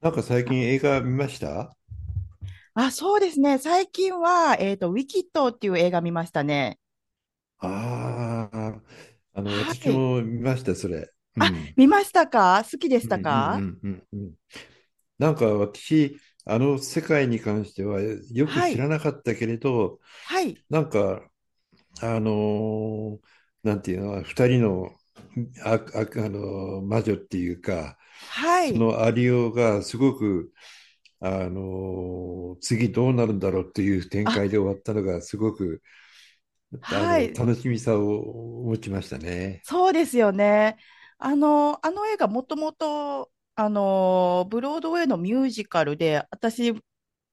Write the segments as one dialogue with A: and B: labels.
A: なんか最近映画見ました？
B: あ、そうですね。最近は、ウィキッドっていう映画見ましたね。
A: ああ。
B: は
A: 私
B: い。
A: も見ました、それ。う
B: あ、
A: ん。
B: 見ましたか？好きで
A: う
B: した
A: んう
B: か？
A: んうんうんうん。なんか私、あの世界に関してはよく
B: は
A: 知
B: い。
A: らなかったけれど、
B: はい。
A: なんか、あのーなんていうの、二人の、あの魔女っていうか、
B: は
A: そ
B: い。
A: のアリオがすごく、次どうなるんだろうっていう展
B: あ、
A: 開で終わったのがすごく
B: はい。
A: 楽しみさを持ちましたね。
B: そうですよね。あの映画もともと、ブロードウェイのミュージカルで、私、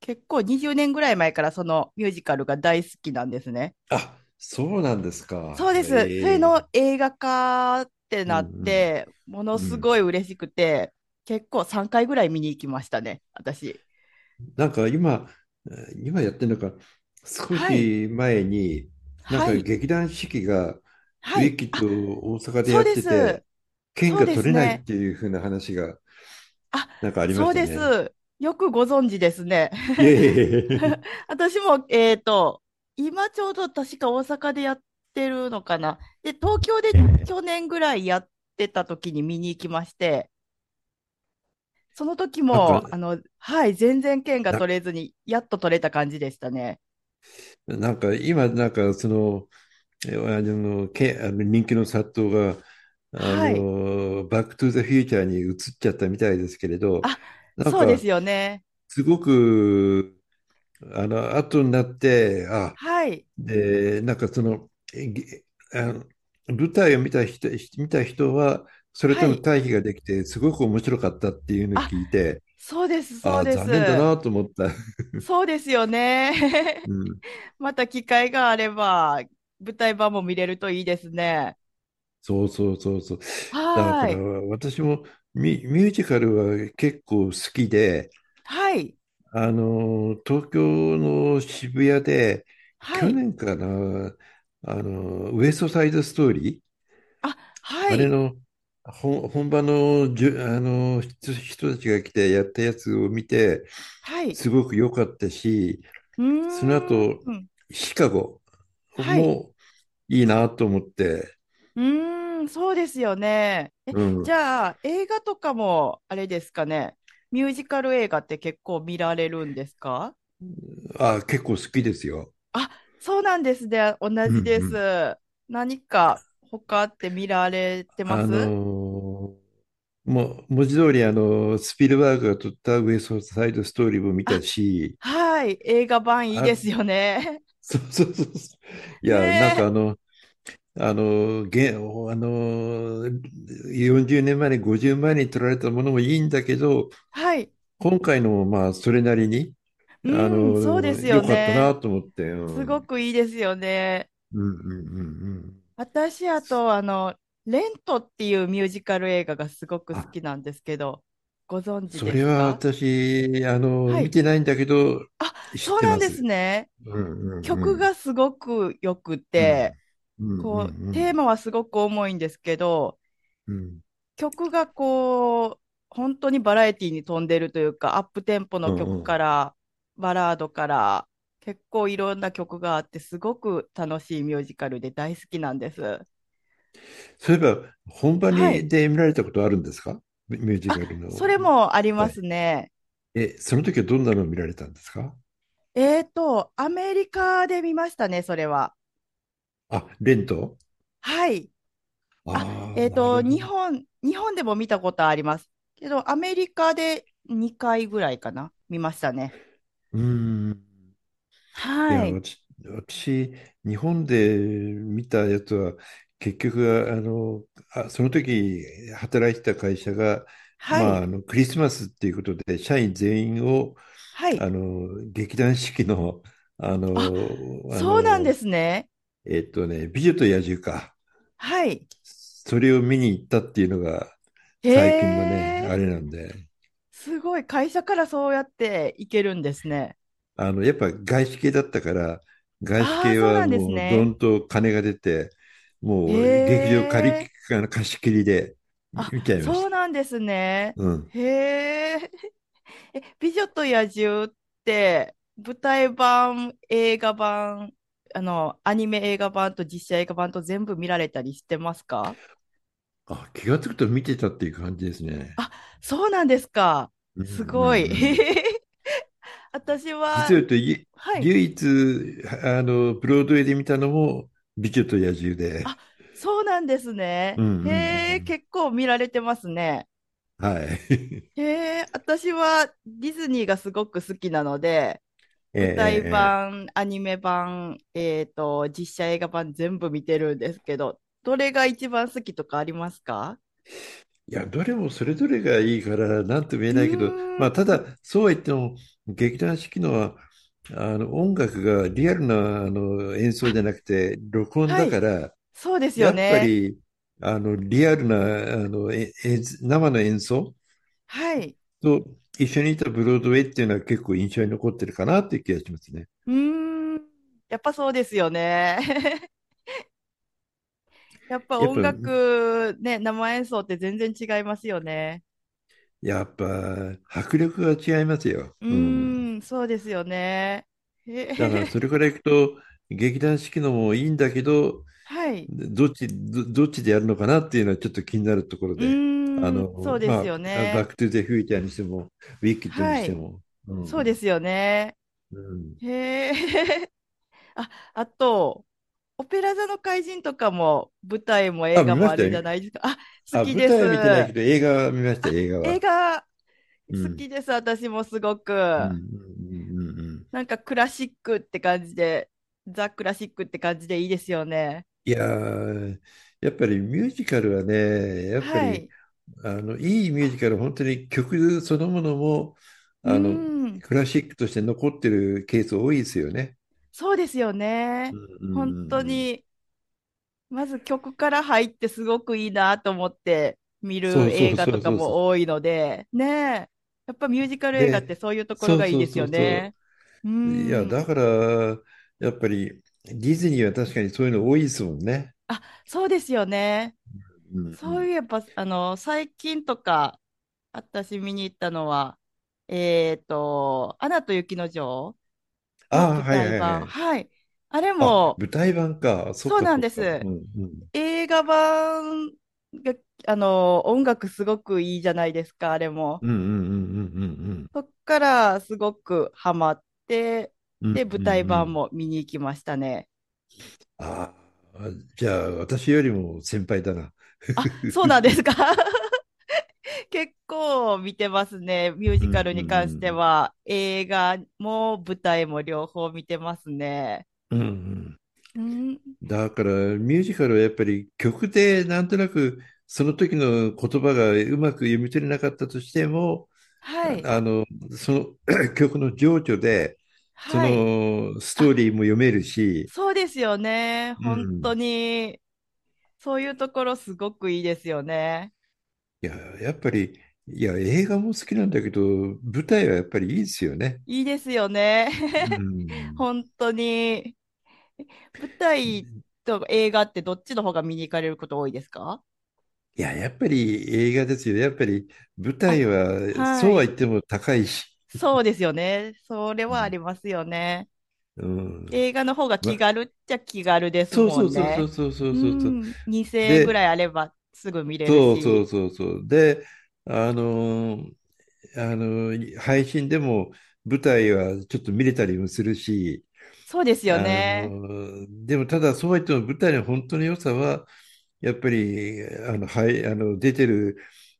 B: 結構20年ぐらい前からそのミュージカルが大好きなんですね。
A: あ、そうなんですか。
B: そうです。それ
A: ええ。
B: の映画化って
A: う
B: なっ
A: ん
B: て、もの
A: うんう
B: す
A: ん。
B: ごい嬉しくて、結構3回ぐらい見に行きましたね、私。
A: なんか今、やってるのか、少
B: はい、
A: し前に、なん
B: は
A: か
B: い、
A: 劇団四季がウ
B: は
A: ィ
B: い。
A: キッ
B: あ、
A: ドを大阪で
B: そ
A: や
B: う
A: っ
B: で
A: てて、
B: す。
A: 券
B: そう
A: が
B: で
A: 取
B: す
A: れないっ
B: ね。
A: ていう風な話が
B: あ、
A: なんかありま
B: そ
A: し
B: う
A: た
B: で
A: ね。
B: す。よくご存知ですね。
A: いえいえい え。
B: 私も、今ちょうど確か大阪でやってるのかな。で、東京で去年ぐらいやってた時に見に行きまして、その時
A: なんか、
B: も、はい、全然券が
A: な、
B: 取れずに、やっと取れた感じでしたね。
A: なんか今、なんかその、えあの、け、あの人気の殺到が、
B: はい。
A: バックトゥザフューチャーに移っちゃったみたいですけれど、
B: あ、
A: なん
B: そうで
A: か、
B: すよね。
A: すごく、後になって、
B: はい。
A: で、なんかその、えげあの、舞台を見た人は、それ
B: は
A: との
B: い。
A: 対比ができて、すごく面白かったっていうのを
B: あ、
A: 聞いて、
B: そうです、そう
A: あ、
B: で
A: 残念だ
B: す。
A: なと思った。
B: そうですよね。
A: うん
B: また機会があれば、舞台版も見れるといいですね。
A: そうそうそうそう。だ
B: は
A: か
B: ー
A: ら
B: い。
A: 私もミュージカルは結構好きで、
B: はい。
A: 東京の渋谷で、
B: は
A: 去
B: い。
A: 年かな、ウエストサイドストーリー、
B: あ、は
A: あれ
B: い。
A: の本場の、じゅ、あの、人たちが来てやったやつを見て、
B: はい。
A: すごく良かったし、
B: う
A: その
B: ー
A: 後、
B: ん。
A: シカゴ
B: はい。
A: もいいなと思って、
B: うーん、そうですよね。え、
A: う
B: じ
A: ん。
B: ゃあ、映画とかも、あれですかね。ミュージカル映画って結構見られるんですか？
A: あ、結構好きですよ。
B: あ、そうなんですね。同
A: うん
B: じで
A: うん。
B: す。何か他って見られてま
A: あの
B: す？
A: ーもう文字通りあのスピルバーグが撮ったウエストサイドストーリーも見た
B: あ、
A: し、
B: はい。映画版いいです
A: あ、
B: よね。
A: そうそうそうそう。い
B: ね
A: や、なんかあ
B: え。
A: の、あの、現、あの、40年前に、50年前に撮られたものもいいんだけど、
B: はい。
A: 今回のもまあ、それなりに、
B: うん、そうです
A: 良
B: よ
A: かったな
B: ね。
A: と思って、
B: す
A: うん。
B: ごくいいですよね。
A: うんうんうんうん。
B: 私、あと、レントっていうミュージカル映画がすごく好
A: あ、
B: きなんですけど、ご存知
A: そ
B: で
A: れ
B: す
A: は
B: か？
A: 私、
B: は
A: 見
B: い。
A: てないんだけど、
B: あ、
A: 知っ
B: そう
A: て
B: な
A: ま
B: んです
A: す。
B: ね。
A: うんうんう
B: 曲
A: ん。
B: がすごく良く
A: う
B: て、
A: ん。うんう
B: こう、
A: んう
B: テー
A: ん。
B: マはすごく重いんですけど、
A: うん。
B: 曲がこう、本当にバラエティに富んでるというか、アップテンポ
A: う
B: の
A: んう
B: 曲
A: ん。
B: から、バラードから、結構いろんな曲があって、すごく楽しいミュージカルで大好きなんです。
A: そういえば、本場
B: は
A: に
B: い。
A: で見られたことあるんですか？ミュージカ
B: あ、
A: ルの
B: そ
A: 舞
B: れもありま
A: 台。
B: すね。
A: え、その時はどんなのを見られたんですか？
B: アメリカで見ましたね、それは。
A: あ、レント。
B: はい。あ、
A: ああなるほど。
B: 日本でも見たことあります。けど、アメリカで2回ぐらいかな、見ましたね。
A: うん。い
B: は
A: や、
B: い。
A: 私日本で見たやつは、結局、その時働いてた会社が、
B: は
A: まあ、
B: い。
A: クリスマスっていうことで、社員全員を
B: はい。
A: 劇団四季の、あ
B: あ、
A: の、あ
B: そうなん
A: の、
B: ですね。
A: 美女と野獣か。
B: はい。
A: それを見に行ったっていうのが
B: へ
A: 最近のね、あ
B: え、
A: れなんで、
B: すごい。会社からそうやって行けるんですね。
A: やっぱ外資系だったから、外資
B: ああ、
A: 系
B: そう
A: は
B: なんです
A: もうど
B: ね。
A: んと金が出て、もう
B: へ
A: 劇場借
B: え。
A: り、あの貸し切りで
B: あ、
A: 見ちゃいまし
B: そう
A: た。
B: なんですね。
A: うん。
B: へえ。え、美女と野獣って舞台版、映画版、アニメ映画版と実写映画版と全部見られたりしてますか？
A: あ、気がつくと見てたっていう感じですね。
B: あ、そうなんですか。
A: うんうんう
B: すごい。
A: ん。
B: 私
A: 実
B: は、
A: を言うと、
B: はい。
A: 唯一、ブロードウェイで見たのも、美女と野獣
B: あ、
A: で。
B: そうなんです
A: う
B: ね。
A: んうん
B: へえ、
A: うん。
B: 結構見られてますね。
A: はい。
B: へえ、私はディズニーがすごく好きなので、
A: ええ、え
B: 舞
A: え、
B: 台
A: ええ。
B: 版、アニメ版、実写映画版全部見てるんですけど、どれが一番好きとかありますか？
A: いや、どれもそれぞれがいいから、なんとも言え
B: う
A: ないけど、
B: ーん。
A: まあ、ただ、そうは言っても、劇団四季のは、音楽がリアルな、演奏
B: あ、
A: じゃなくて、録音
B: は
A: だか
B: い。
A: ら、
B: そうです
A: や
B: よ
A: っぱ
B: ね。
A: り、リアルな、あの、え演生の演奏
B: はい。
A: と一緒にいたブロードウェイっていうのは結構印象に残ってるかなっていう気がしますね。
B: うーん。やっぱそうですよね。やっぱ
A: やっ
B: 音
A: ぱ、
B: 楽、ね、生演奏って全然違いますよね。
A: やっぱ、迫力が違いますよ。
B: う
A: うん。
B: ーん、そうですよね。へへ
A: だから、それからいくと、劇団四季のもいいんだけど、
B: はい。
A: どっちでやるのかなっていうのはちょっと気になるところ
B: う
A: で。
B: ーん、そうです
A: ま
B: よ
A: あ、バッ
B: ね。
A: クトゥザフューチャーにしても、ウィキッドに
B: は
A: して
B: い。
A: も。う
B: そうで
A: ん。
B: すよね。
A: うん。
B: へえ。あ、あと、オペラ座の怪人とかも、舞台も
A: あ、
B: 映画
A: 見ま
B: も
A: し
B: あ
A: た
B: るじ
A: よ。
B: ゃないですか。あ、好
A: あ、
B: き
A: 舞
B: で
A: 台
B: す。
A: は見てないけ
B: あ、
A: ど、映画は見ました、映画
B: 映
A: は。
B: 画
A: う
B: 好
A: ん。
B: きです。私もすご
A: うん。う
B: く。
A: ん。うん。うん。うん。
B: なんかクラシックって感じで、ザ・クラシックって感じでいいですよね。
A: いやー、やっぱりミュージカルはね、やっぱ
B: は
A: り
B: い。
A: あのいいミュージカルは本当に曲そのものも
B: うー
A: あの
B: ん。
A: クラシックとして残ってるケース多いですよね。
B: そうですよ
A: う
B: ね。
A: んうんう
B: 本当
A: んうん。
B: にまず曲から入ってすごくいいなと思って見
A: そ
B: る
A: うそ
B: 映
A: う
B: 画
A: そ
B: と
A: う
B: か
A: そうそう。
B: も多いので、ねえ、やっぱミュージカル映画って
A: で、
B: そういうところ
A: そう
B: がいい
A: そう
B: です
A: そ
B: よ
A: うそ
B: ね。うー
A: う。いや、だ
B: ん。
A: から、やっぱりディズニーは確かにそういうの多いですもんね。
B: あ、そうですよね。
A: うん。うんう
B: そ
A: ん。
B: ういえば、最近とか、私見に行ったのは、アナと雪の女王
A: あ
B: の
A: あ、
B: 舞
A: はいは
B: 台
A: いは
B: 版。
A: い。
B: はい。あれ
A: あ、
B: も、
A: 舞台版か。そっ
B: そう
A: か
B: な
A: そ
B: ん
A: っ
B: で
A: か。うん
B: す。
A: うん。
B: 映画版が、音楽すごくいいじゃないですか、あれも。
A: うんうんうんうん
B: そっからすごくハマって、
A: うんうん。
B: で、舞
A: うんう
B: 台
A: んう
B: 版
A: ん。
B: も見に行きましたね。
A: ああ、じゃあ私よりも先輩だな。
B: あ、そうなんですか？ 結構見てますね。ミュー
A: う
B: ジカ
A: ん
B: ル
A: うんう
B: に関して
A: ん。
B: は、映画も舞台も両方見てますね。
A: うんうん。
B: うん、
A: だからミュージカルはやっぱり曲でなんとなくその時の言葉がうまく読み取れなかったとしても、
B: はい、
A: ああの、その 曲の情緒でそ
B: はい。
A: のスト
B: あ、
A: ーリーも読めるし、
B: そうですよね。
A: う
B: 本当
A: ん。
B: に、そういうところすごくいいですよね。
A: いや、やっぱり、いや、映画も好きなんだけど、舞台はやっぱりいいですよね。
B: いいですよね。
A: う ん。
B: 本当に。舞台と映画ってどっちの方が見に行かれること多いですか？
A: いや、やっぱり映画ですよね。やっぱり舞
B: あ、
A: 台は、
B: は
A: そうは言
B: い。
A: っても高いし。
B: そうですよね。それ
A: う
B: はあ
A: ん。
B: りますよね。
A: うん。
B: 映画の方が気
A: ま、
B: 軽っちゃ気軽です
A: そう
B: も
A: そう
B: ん
A: そうそう
B: ね。
A: そうそう
B: う
A: そうそう。
B: ん、2000円ぐ
A: で、
B: らいあればすぐ見れる
A: そうそう
B: し。
A: そうそう。で、あのー配信でも舞台はちょっと見れたりもするし、
B: そうですよね。
A: でもただそうは言っても舞台の本当の良さは、やっぱり、はい、あの、出てる、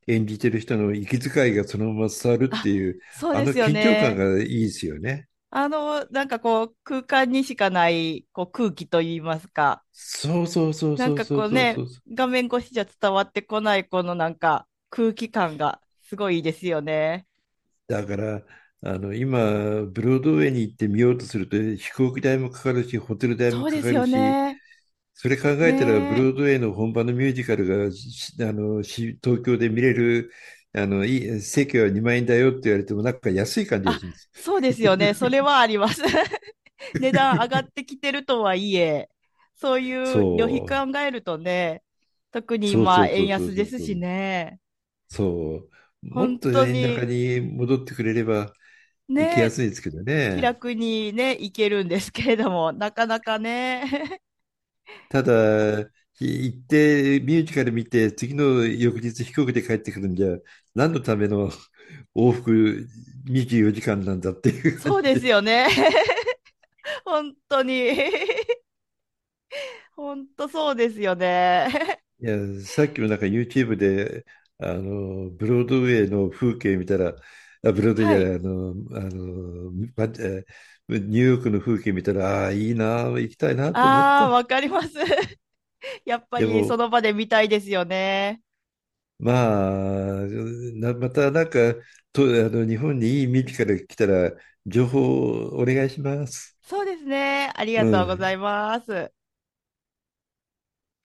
A: 演じてる人の息遣いがそのまま伝わるって
B: あ、
A: いう、
B: そう
A: あ
B: で
A: の
B: すよ
A: 緊張感
B: ね。
A: がいいですよね。
B: なんかこう、空間にしかないこう空気といいますか、
A: そうそうそう
B: なん
A: そう
B: か
A: そう
B: こう
A: そうそ
B: ね、
A: う。
B: 画面越しじゃ伝わってこないこのなんか空気感がすごいいいですよね。
A: だから、今、ブロードウェイに行って見ようとすると、飛行機代もかかるし、ホテル代も
B: そう
A: か
B: で
A: か
B: す
A: る
B: よ
A: し、
B: ね。
A: それ考えたら、ブ
B: ね
A: ロー
B: え。
A: ドウェイの本場のミュージカルが、しあの、し東京で見れる、いい、席は2万円だよって言われても、なんか安い感じが
B: あ、
A: します。
B: そうですよね。それはあります。値段上がってきてるとはいえ、そういう旅
A: そう。
B: 費考えるとね、特に
A: そうそ
B: 今
A: うそ
B: 円
A: うそう
B: 安
A: そ
B: で
A: う
B: す
A: そ
B: し
A: う。
B: ね、
A: そう。も
B: 本
A: っと
B: 当
A: 円高
B: に
A: に戻ってくれれば行きや
B: ね、
A: すいですけど
B: 気
A: ね。
B: 楽にね、行けるんですけれども、なかなかね、
A: ただ、行ってミュージカル見て、次の翌日飛行機で帰ってくるんじゃ、何のための往復24時間なんだって いう感
B: そう
A: じ
B: です
A: で。
B: よね。本当に。ほんとそうですよね。
A: いや、さっきもなんか YouTube で、ブロードウェイの風景見たら、あ、ブロードウェイじ
B: は
A: ゃな
B: い。
A: い、あの、あの、ばえーニューヨークの風景見たら、ああ、いいな、行きたいなと思っ
B: ああ、
A: た。
B: わかります。やっぱ
A: で
B: りそ
A: も、
B: の場で見たいですよね。
A: まあ、またなんか、と、あの、日本にいい耳から来たら、情報をお願いします。
B: そうですね。あり
A: う
B: がとうござ
A: ん。
B: います。